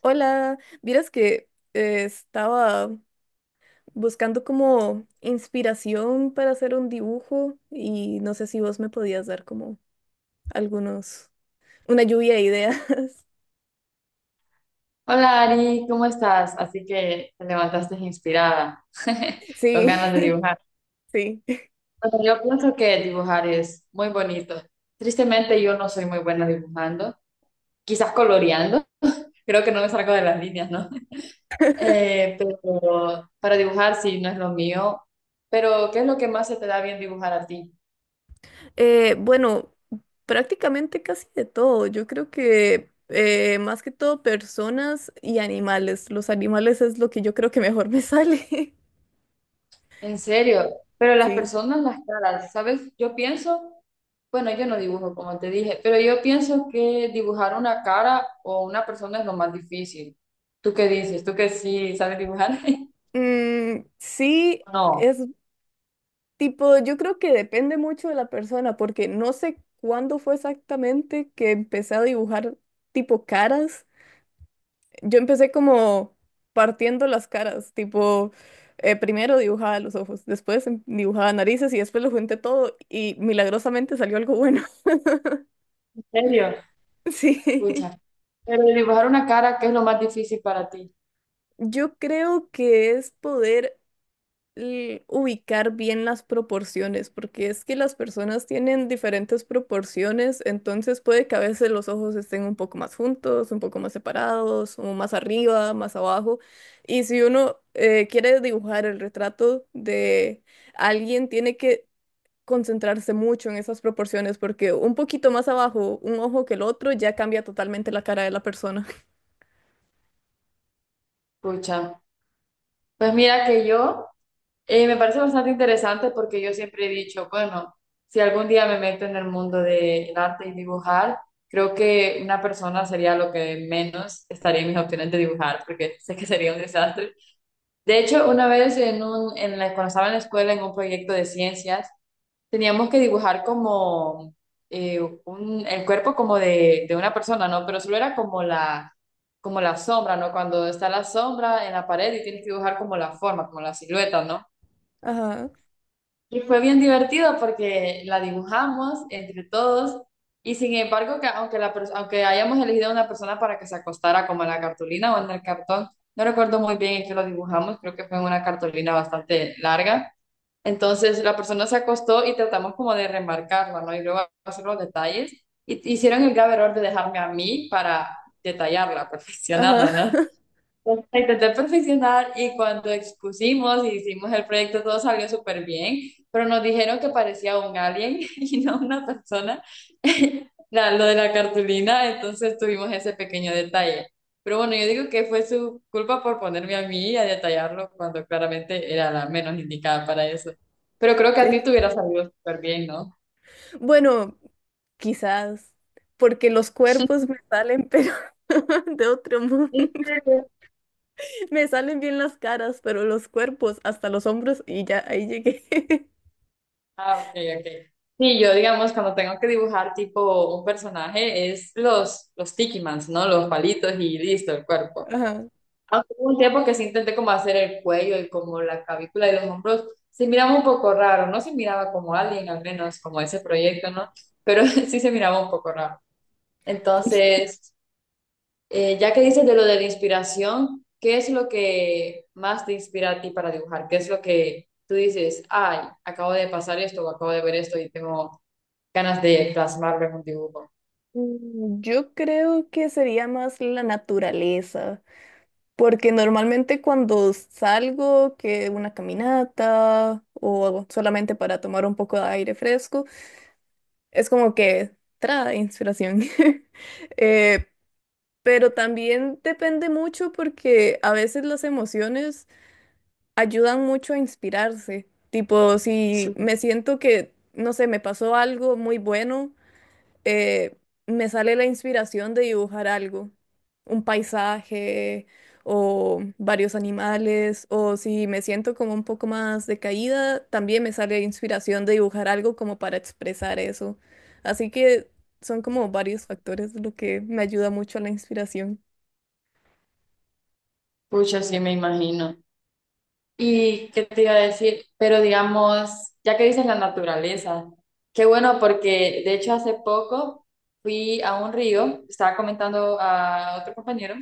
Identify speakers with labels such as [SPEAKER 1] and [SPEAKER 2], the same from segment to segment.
[SPEAKER 1] Hola, vieras que estaba buscando como inspiración para hacer un dibujo y no sé si vos me podías dar como algunos, una lluvia de ideas.
[SPEAKER 2] Hola Ari, ¿cómo estás? Así que te levantaste inspirada, con ganas de
[SPEAKER 1] Sí,
[SPEAKER 2] dibujar.
[SPEAKER 1] sí.
[SPEAKER 2] Bueno, yo pienso que dibujar es muy bonito. Tristemente yo no soy muy buena dibujando, quizás coloreando, creo que no me salgo de las líneas, ¿no? Eh, pero para dibujar sí no es lo mío, pero ¿qué es lo que más se te da bien dibujar a ti?
[SPEAKER 1] Bueno, prácticamente casi de todo. Yo creo que más que todo personas y animales. Los animales es lo que yo creo que mejor me sale.
[SPEAKER 2] En serio, pero las
[SPEAKER 1] Sí.
[SPEAKER 2] personas, las caras, ¿sabes? Yo pienso, bueno, yo no dibujo como te dije, pero yo pienso que dibujar una cara o una persona es lo más difícil. ¿Tú qué dices? ¿Tú que sí sabes dibujar?
[SPEAKER 1] Mm, sí.
[SPEAKER 2] No,
[SPEAKER 1] es Tipo, yo creo que depende mucho de la persona, porque no sé cuándo fue exactamente que empecé a dibujar tipo caras. Yo empecé como partiendo las caras, tipo, primero dibujaba los ojos, después dibujaba narices y después lo junté todo y milagrosamente salió algo bueno.
[SPEAKER 2] en serio,
[SPEAKER 1] Sí,
[SPEAKER 2] pucha. Pero dibujar una cara, ¿qué es lo más difícil para ti?
[SPEAKER 1] yo creo que es poder ubicar bien las proporciones, porque es que las personas tienen diferentes proporciones, entonces puede que a veces los ojos estén un poco más juntos, un poco más separados, o más arriba, más abajo. Y si uno quiere dibujar el retrato de alguien, tiene que concentrarse mucho en esas proporciones, porque un poquito más abajo, un ojo que el otro, ya cambia totalmente la cara de la persona.
[SPEAKER 2] Pucha. Pues mira que yo. Me parece bastante interesante porque yo siempre he dicho, bueno, si algún día me meto en el mundo del arte y dibujar, creo que una persona sería lo que menos estaría en mis opciones de dibujar, porque sé que sería un desastre. De hecho, una vez en un, en la, cuando estaba en la escuela en un proyecto de ciencias, teníamos que dibujar como eh, un, el cuerpo como de una persona, ¿no? Pero solo era como la sombra, ¿no? Cuando está la sombra en la pared y tienes que dibujar como la forma, como la silueta, ¿no?
[SPEAKER 1] Ajá,
[SPEAKER 2] Y fue bien divertido porque la dibujamos entre todos y sin embargo, que aunque, la, aunque hayamos elegido a una persona para que se acostara como en la cartulina o en el cartón, no recuerdo muy bien en qué lo dibujamos, creo que fue en una cartulina bastante larga. Entonces la persona se acostó y tratamos como de remarcarla, ¿no? Y luego hacer los detalles. Y hicieron el grave error de dejarme a mí para detallarla,
[SPEAKER 1] ajá.
[SPEAKER 2] perfeccionarla, no pues, intenté perfeccionar y cuando expusimos y hicimos el proyecto todo salió súper bien, pero nos dijeron que parecía un alien y no una persona, lo de la cartulina, entonces tuvimos ese pequeño detalle. Pero bueno, yo digo que fue su culpa por ponerme a mí a detallarlo cuando claramente era la menos indicada para eso. Pero creo que a
[SPEAKER 1] Sí.
[SPEAKER 2] ti te hubiera salido súper bien, ¿no?
[SPEAKER 1] Bueno, quizás, porque los cuerpos me salen, pero de otro mundo. Me salen bien las caras, pero los cuerpos hasta los hombros y ya ahí llegué.
[SPEAKER 2] Ah, ok, ok. Sí, yo digamos cuando tengo que dibujar tipo un personaje es los Tiki Mans, ¿no? Los palitos y listo, el cuerpo.
[SPEAKER 1] Ajá.
[SPEAKER 2] Aunque hubo un tiempo que sí intenté como hacer el cuello y como la clavícula y los hombros, se miraba un poco raro, no se miraba como alguien, al menos como ese proyecto, ¿no? Pero sí se miraba un poco raro. Entonces, ya que dices de lo de la inspiración, ¿qué es lo que más te inspira a ti para dibujar? ¿Qué es lo que tú dices, ay, acabo de pasar esto o acabo de ver esto y tengo ganas de plasmarlo en un dibujo?
[SPEAKER 1] Mm, yo creo que sería más la naturaleza, porque normalmente cuando salgo, que una caminata o algo solamente para tomar un poco de aire fresco, es como que trae inspiración. Eh, pero también depende mucho porque a veces las emociones ayudan mucho a inspirarse. Tipo, si
[SPEAKER 2] Sí,
[SPEAKER 1] me siento que, no sé, me pasó algo muy bueno, eh, me sale la inspiración de dibujar algo, un paisaje o varios animales, o si me siento como un poco más decaída, también me sale la inspiración de dibujar algo como para expresar eso. Así que son como varios factores lo que me ayuda mucho a la inspiración.
[SPEAKER 2] pucha, sí me imagino. ¿Y qué te iba a decir? Pero digamos, ya que dices la naturaleza, qué bueno porque de hecho hace poco fui a un río, estaba comentando a otro compañero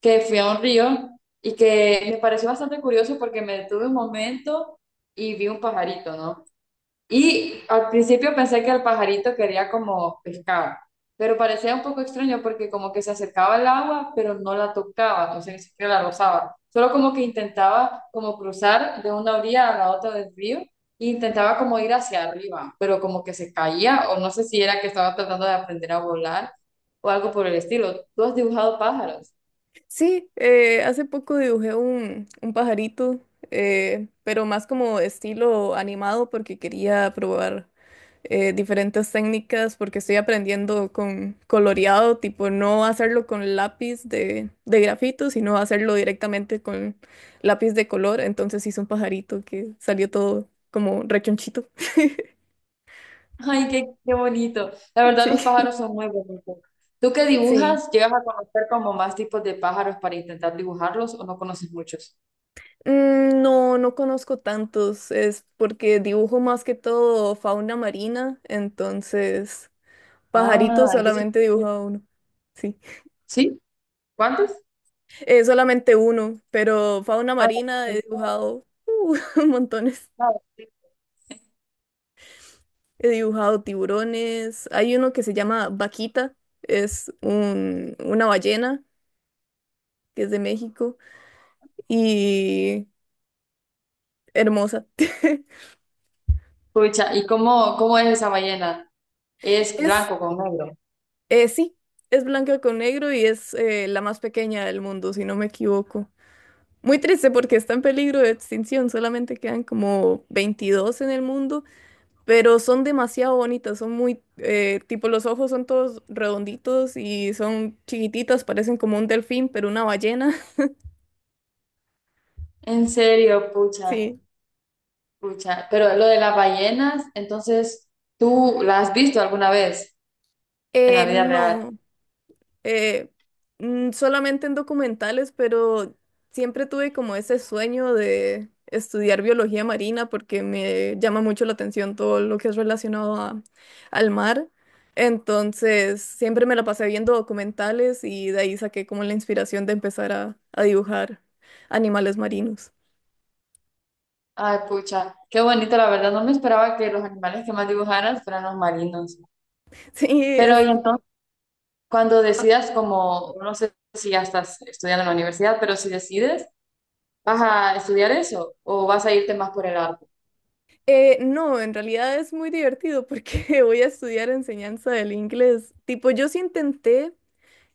[SPEAKER 2] que fui a un río y que me pareció bastante curioso porque me detuve un momento y vi un pajarito, ¿no? Y al principio pensé que el pajarito quería como pescado, pero parecía un poco extraño porque como que se acercaba al agua, pero no la tocaba, no sé ni siquiera la rozaba. Solo como que intentaba como cruzar de una orilla a la otra del río e intentaba como ir hacia arriba, pero como que se caía o no sé si era que estaba tratando de aprender a volar o algo por el estilo. ¿Tú has dibujado pájaros?
[SPEAKER 1] Sí, hace poco dibujé un pajarito, pero más como estilo animado porque quería probar diferentes técnicas porque estoy aprendiendo con coloreado, tipo no hacerlo con lápiz de grafito, sino hacerlo directamente con lápiz de color. Entonces hice un pajarito que salió todo como rechonchito.
[SPEAKER 2] Ay, qué, qué bonito. La verdad, los
[SPEAKER 1] Sí,
[SPEAKER 2] pájaros son muy bonitos. ¿Tú que
[SPEAKER 1] sí.
[SPEAKER 2] dibujas? ¿Llegas a conocer como más tipos de pájaros para intentar dibujarlos o no conoces muchos?
[SPEAKER 1] Mm, no, no conozco tantos, es porque dibujo más que todo fauna marina, entonces pajaritos
[SPEAKER 2] Ah, entonces,
[SPEAKER 1] solamente he dibujado uno, sí,
[SPEAKER 2] ¿sí? ¿Cuántos?
[SPEAKER 1] solamente uno, pero fauna
[SPEAKER 2] Ah,
[SPEAKER 1] marina
[SPEAKER 2] el
[SPEAKER 1] he
[SPEAKER 2] pájaro,
[SPEAKER 1] dibujado montones,
[SPEAKER 2] claro, sí.
[SPEAKER 1] he dibujado tiburones, hay uno que se llama Vaquita, una ballena que es de México y hermosa,
[SPEAKER 2] Pucha, ¿y cómo, cómo es esa ballena? ¿Es
[SPEAKER 1] es,
[SPEAKER 2] blanco con negro?
[SPEAKER 1] sí, es blanca con negro y es la más pequeña del mundo, si no me equivoco. Muy triste porque está en peligro de extinción, solamente quedan como 22 en el mundo, pero son demasiado bonitas, son muy, tipo los ojos son todos redonditos y son chiquititas, parecen como un delfín, pero una ballena,
[SPEAKER 2] En serio, pucha,
[SPEAKER 1] sí.
[SPEAKER 2] pucha. Pero lo de las ballenas, entonces, ¿tú la has visto alguna vez en la vida real?
[SPEAKER 1] No, eh, mm, solamente en documentales, pero siempre tuve como ese sueño de estudiar biología marina porque me llama mucho la atención todo lo que es relacionado al mar. Entonces, siempre me la pasé viendo documentales y de ahí saqué como la inspiración de empezar a dibujar animales marinos.
[SPEAKER 2] Ay, pucha, qué bonito, la verdad. No me esperaba que los animales que más dibujaras fueran los marinos.
[SPEAKER 1] Sí,
[SPEAKER 2] Pero, y
[SPEAKER 1] es...
[SPEAKER 2] entonces, cuando decidas, como, no sé si ya estás estudiando en la universidad, pero si decides, ¿vas a estudiar eso o vas a irte más por el arte?
[SPEAKER 1] no, en realidad es muy divertido porque voy a estudiar enseñanza del inglés. Tipo, yo sí intenté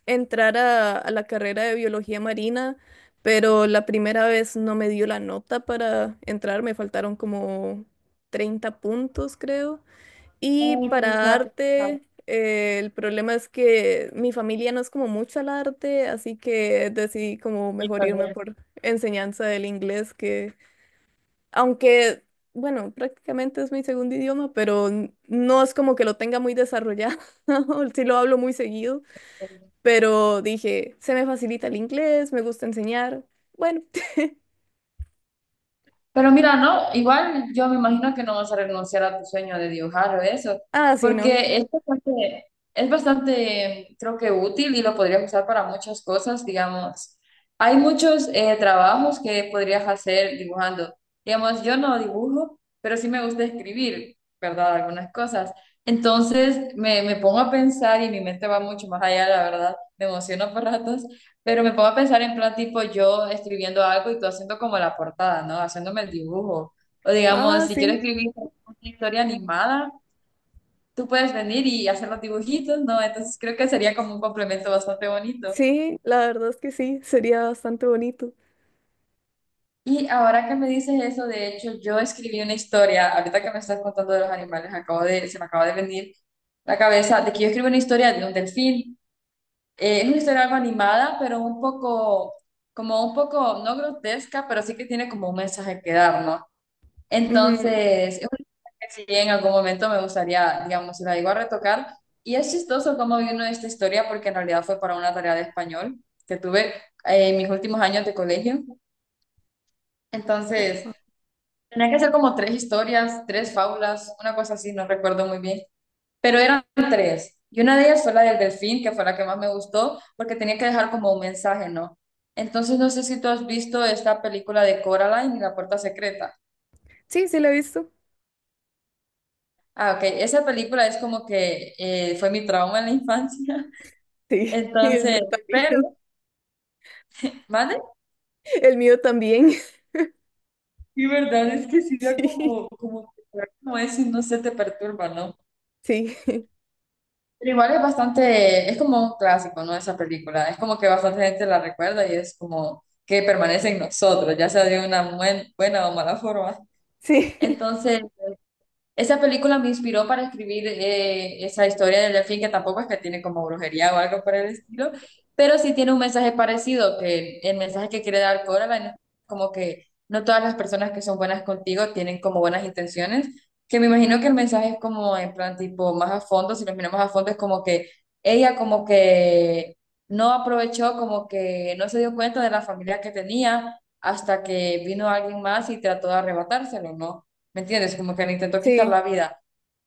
[SPEAKER 1] entrar a la carrera de biología marina, pero la primera vez no me dio la nota para entrar, me faltaron como 30 puntos, creo. Y
[SPEAKER 2] Ay,
[SPEAKER 1] para
[SPEAKER 2] pucha,
[SPEAKER 1] arte, el problema es que mi familia no es como mucho al arte, así que decidí como mejor irme por enseñanza del inglés, que aunque... Bueno, prácticamente es mi segundo idioma, pero no es como que lo tenga muy desarrollado. Sí lo hablo muy seguido,
[SPEAKER 2] qué.
[SPEAKER 1] pero dije, se me facilita el inglés, me gusta enseñar. Bueno,
[SPEAKER 2] Pero mira, no, igual yo me imagino que no vas a renunciar a tu sueño de dibujar o eso,
[SPEAKER 1] ah, sí, no.
[SPEAKER 2] porque es bastante, creo que útil y lo podrías usar para muchas cosas, digamos. Hay muchos trabajos que podrías hacer dibujando. Digamos, yo no dibujo, pero sí me gusta escribir, ¿verdad? Algunas cosas. Entonces me pongo a pensar y mi mente va mucho más allá, la verdad. Me emociono por ratos pero me pongo a pensar en plan tipo yo escribiendo algo y tú haciendo como la portada, ¿no? Haciéndome el dibujo. O digamos,
[SPEAKER 1] Ah,
[SPEAKER 2] si quiero
[SPEAKER 1] sí,
[SPEAKER 2] escribir una historia animada, tú puedes venir y hacer los dibujitos, ¿no? Entonces creo que sería como un complemento bastante bonito.
[SPEAKER 1] sí, la verdad es que sí, sería bastante bonito.
[SPEAKER 2] Y ahora que me dices eso, de hecho, yo escribí una historia, ahorita que me estás contando de los animales, acabo de, se me acaba de venir la cabeza de que yo escribo una historia de un delfín. Es una historia algo animada, pero un poco, como un poco, no grotesca, pero sí que tiene como un mensaje que dar, ¿no?
[SPEAKER 1] Ujú.
[SPEAKER 2] Entonces, es una que sí en algún momento me gustaría, digamos, si la digo a retocar. Y es chistoso cómo vino esta historia, porque en realidad fue para una tarea de español que tuve en mis últimos años de colegio. Entonces,
[SPEAKER 1] Ajá.
[SPEAKER 2] tenía que hacer como tres historias, tres fábulas, una cosa así, no recuerdo muy bien. Pero eran tres. Y una de ellas fue la del delfín, que fue la que más me gustó, porque tenía que dejar como un mensaje, ¿no? Entonces, no sé si tú has visto esta película de Coraline y la puerta secreta.
[SPEAKER 1] Sí, sí, lo he visto.
[SPEAKER 2] Ah, ok. Esa película es como que fue mi trauma en la infancia.
[SPEAKER 1] Sí, el mío
[SPEAKER 2] Entonces, pero,
[SPEAKER 1] también.
[SPEAKER 2] ¿vale?
[SPEAKER 1] El mío también.
[SPEAKER 2] Y verdad es que sí da
[SPEAKER 1] Sí,
[SPEAKER 2] como, como, como eso y no se te perturba, ¿no?
[SPEAKER 1] sí,
[SPEAKER 2] Pero igual es bastante, es como un clásico, ¿no? Esa película. Es como que bastante gente la recuerda y es como que permanece en nosotros, ya sea de una buena o mala forma.
[SPEAKER 1] sí,
[SPEAKER 2] Entonces, esa película me inspiró para escribir esa historia del delfín, que tampoco es que tiene como brujería o algo por el estilo, pero sí tiene un mensaje parecido, que el mensaje que quiere dar Coraline es como que no todas las personas que son buenas contigo tienen como buenas intenciones, que me imagino que el mensaje es como en plan tipo más a fondo, si lo miramos a fondo es como que ella como que no aprovechó, como que no se dio cuenta de la familia que tenía hasta que vino alguien más y trató de arrebatárselo, ¿no? ¿Me entiendes? Como que le intentó quitar
[SPEAKER 1] sí,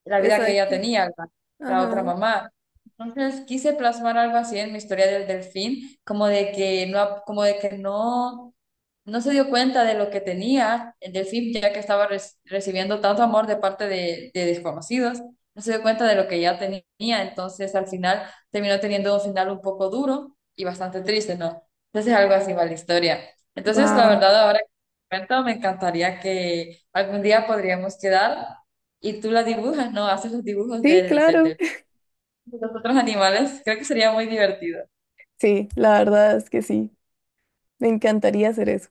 [SPEAKER 2] la vida que ella
[SPEAKER 1] exacto.
[SPEAKER 2] tenía, la otra
[SPEAKER 1] Ajá.
[SPEAKER 2] mamá. Entonces quise plasmar algo así en mi historia del delfín, como de que no, como de que no, no se dio cuenta de lo que tenía el delfín, ya que estaba recibiendo tanto amor de parte de desconocidos, no se dio cuenta de lo que ya tenía. Entonces al final terminó teniendo un final un poco duro y bastante triste, ¿no? Entonces algo así va la historia. Entonces, la
[SPEAKER 1] Wow.
[SPEAKER 2] verdad, ahora cuento, me encantaría que algún día podríamos quedar y tú la dibujas, ¿no? Haces los dibujos
[SPEAKER 1] Sí,
[SPEAKER 2] del,
[SPEAKER 1] claro.
[SPEAKER 2] de los otros animales. Creo que sería muy divertido.
[SPEAKER 1] Sí, la verdad es que sí. Me encantaría hacer eso.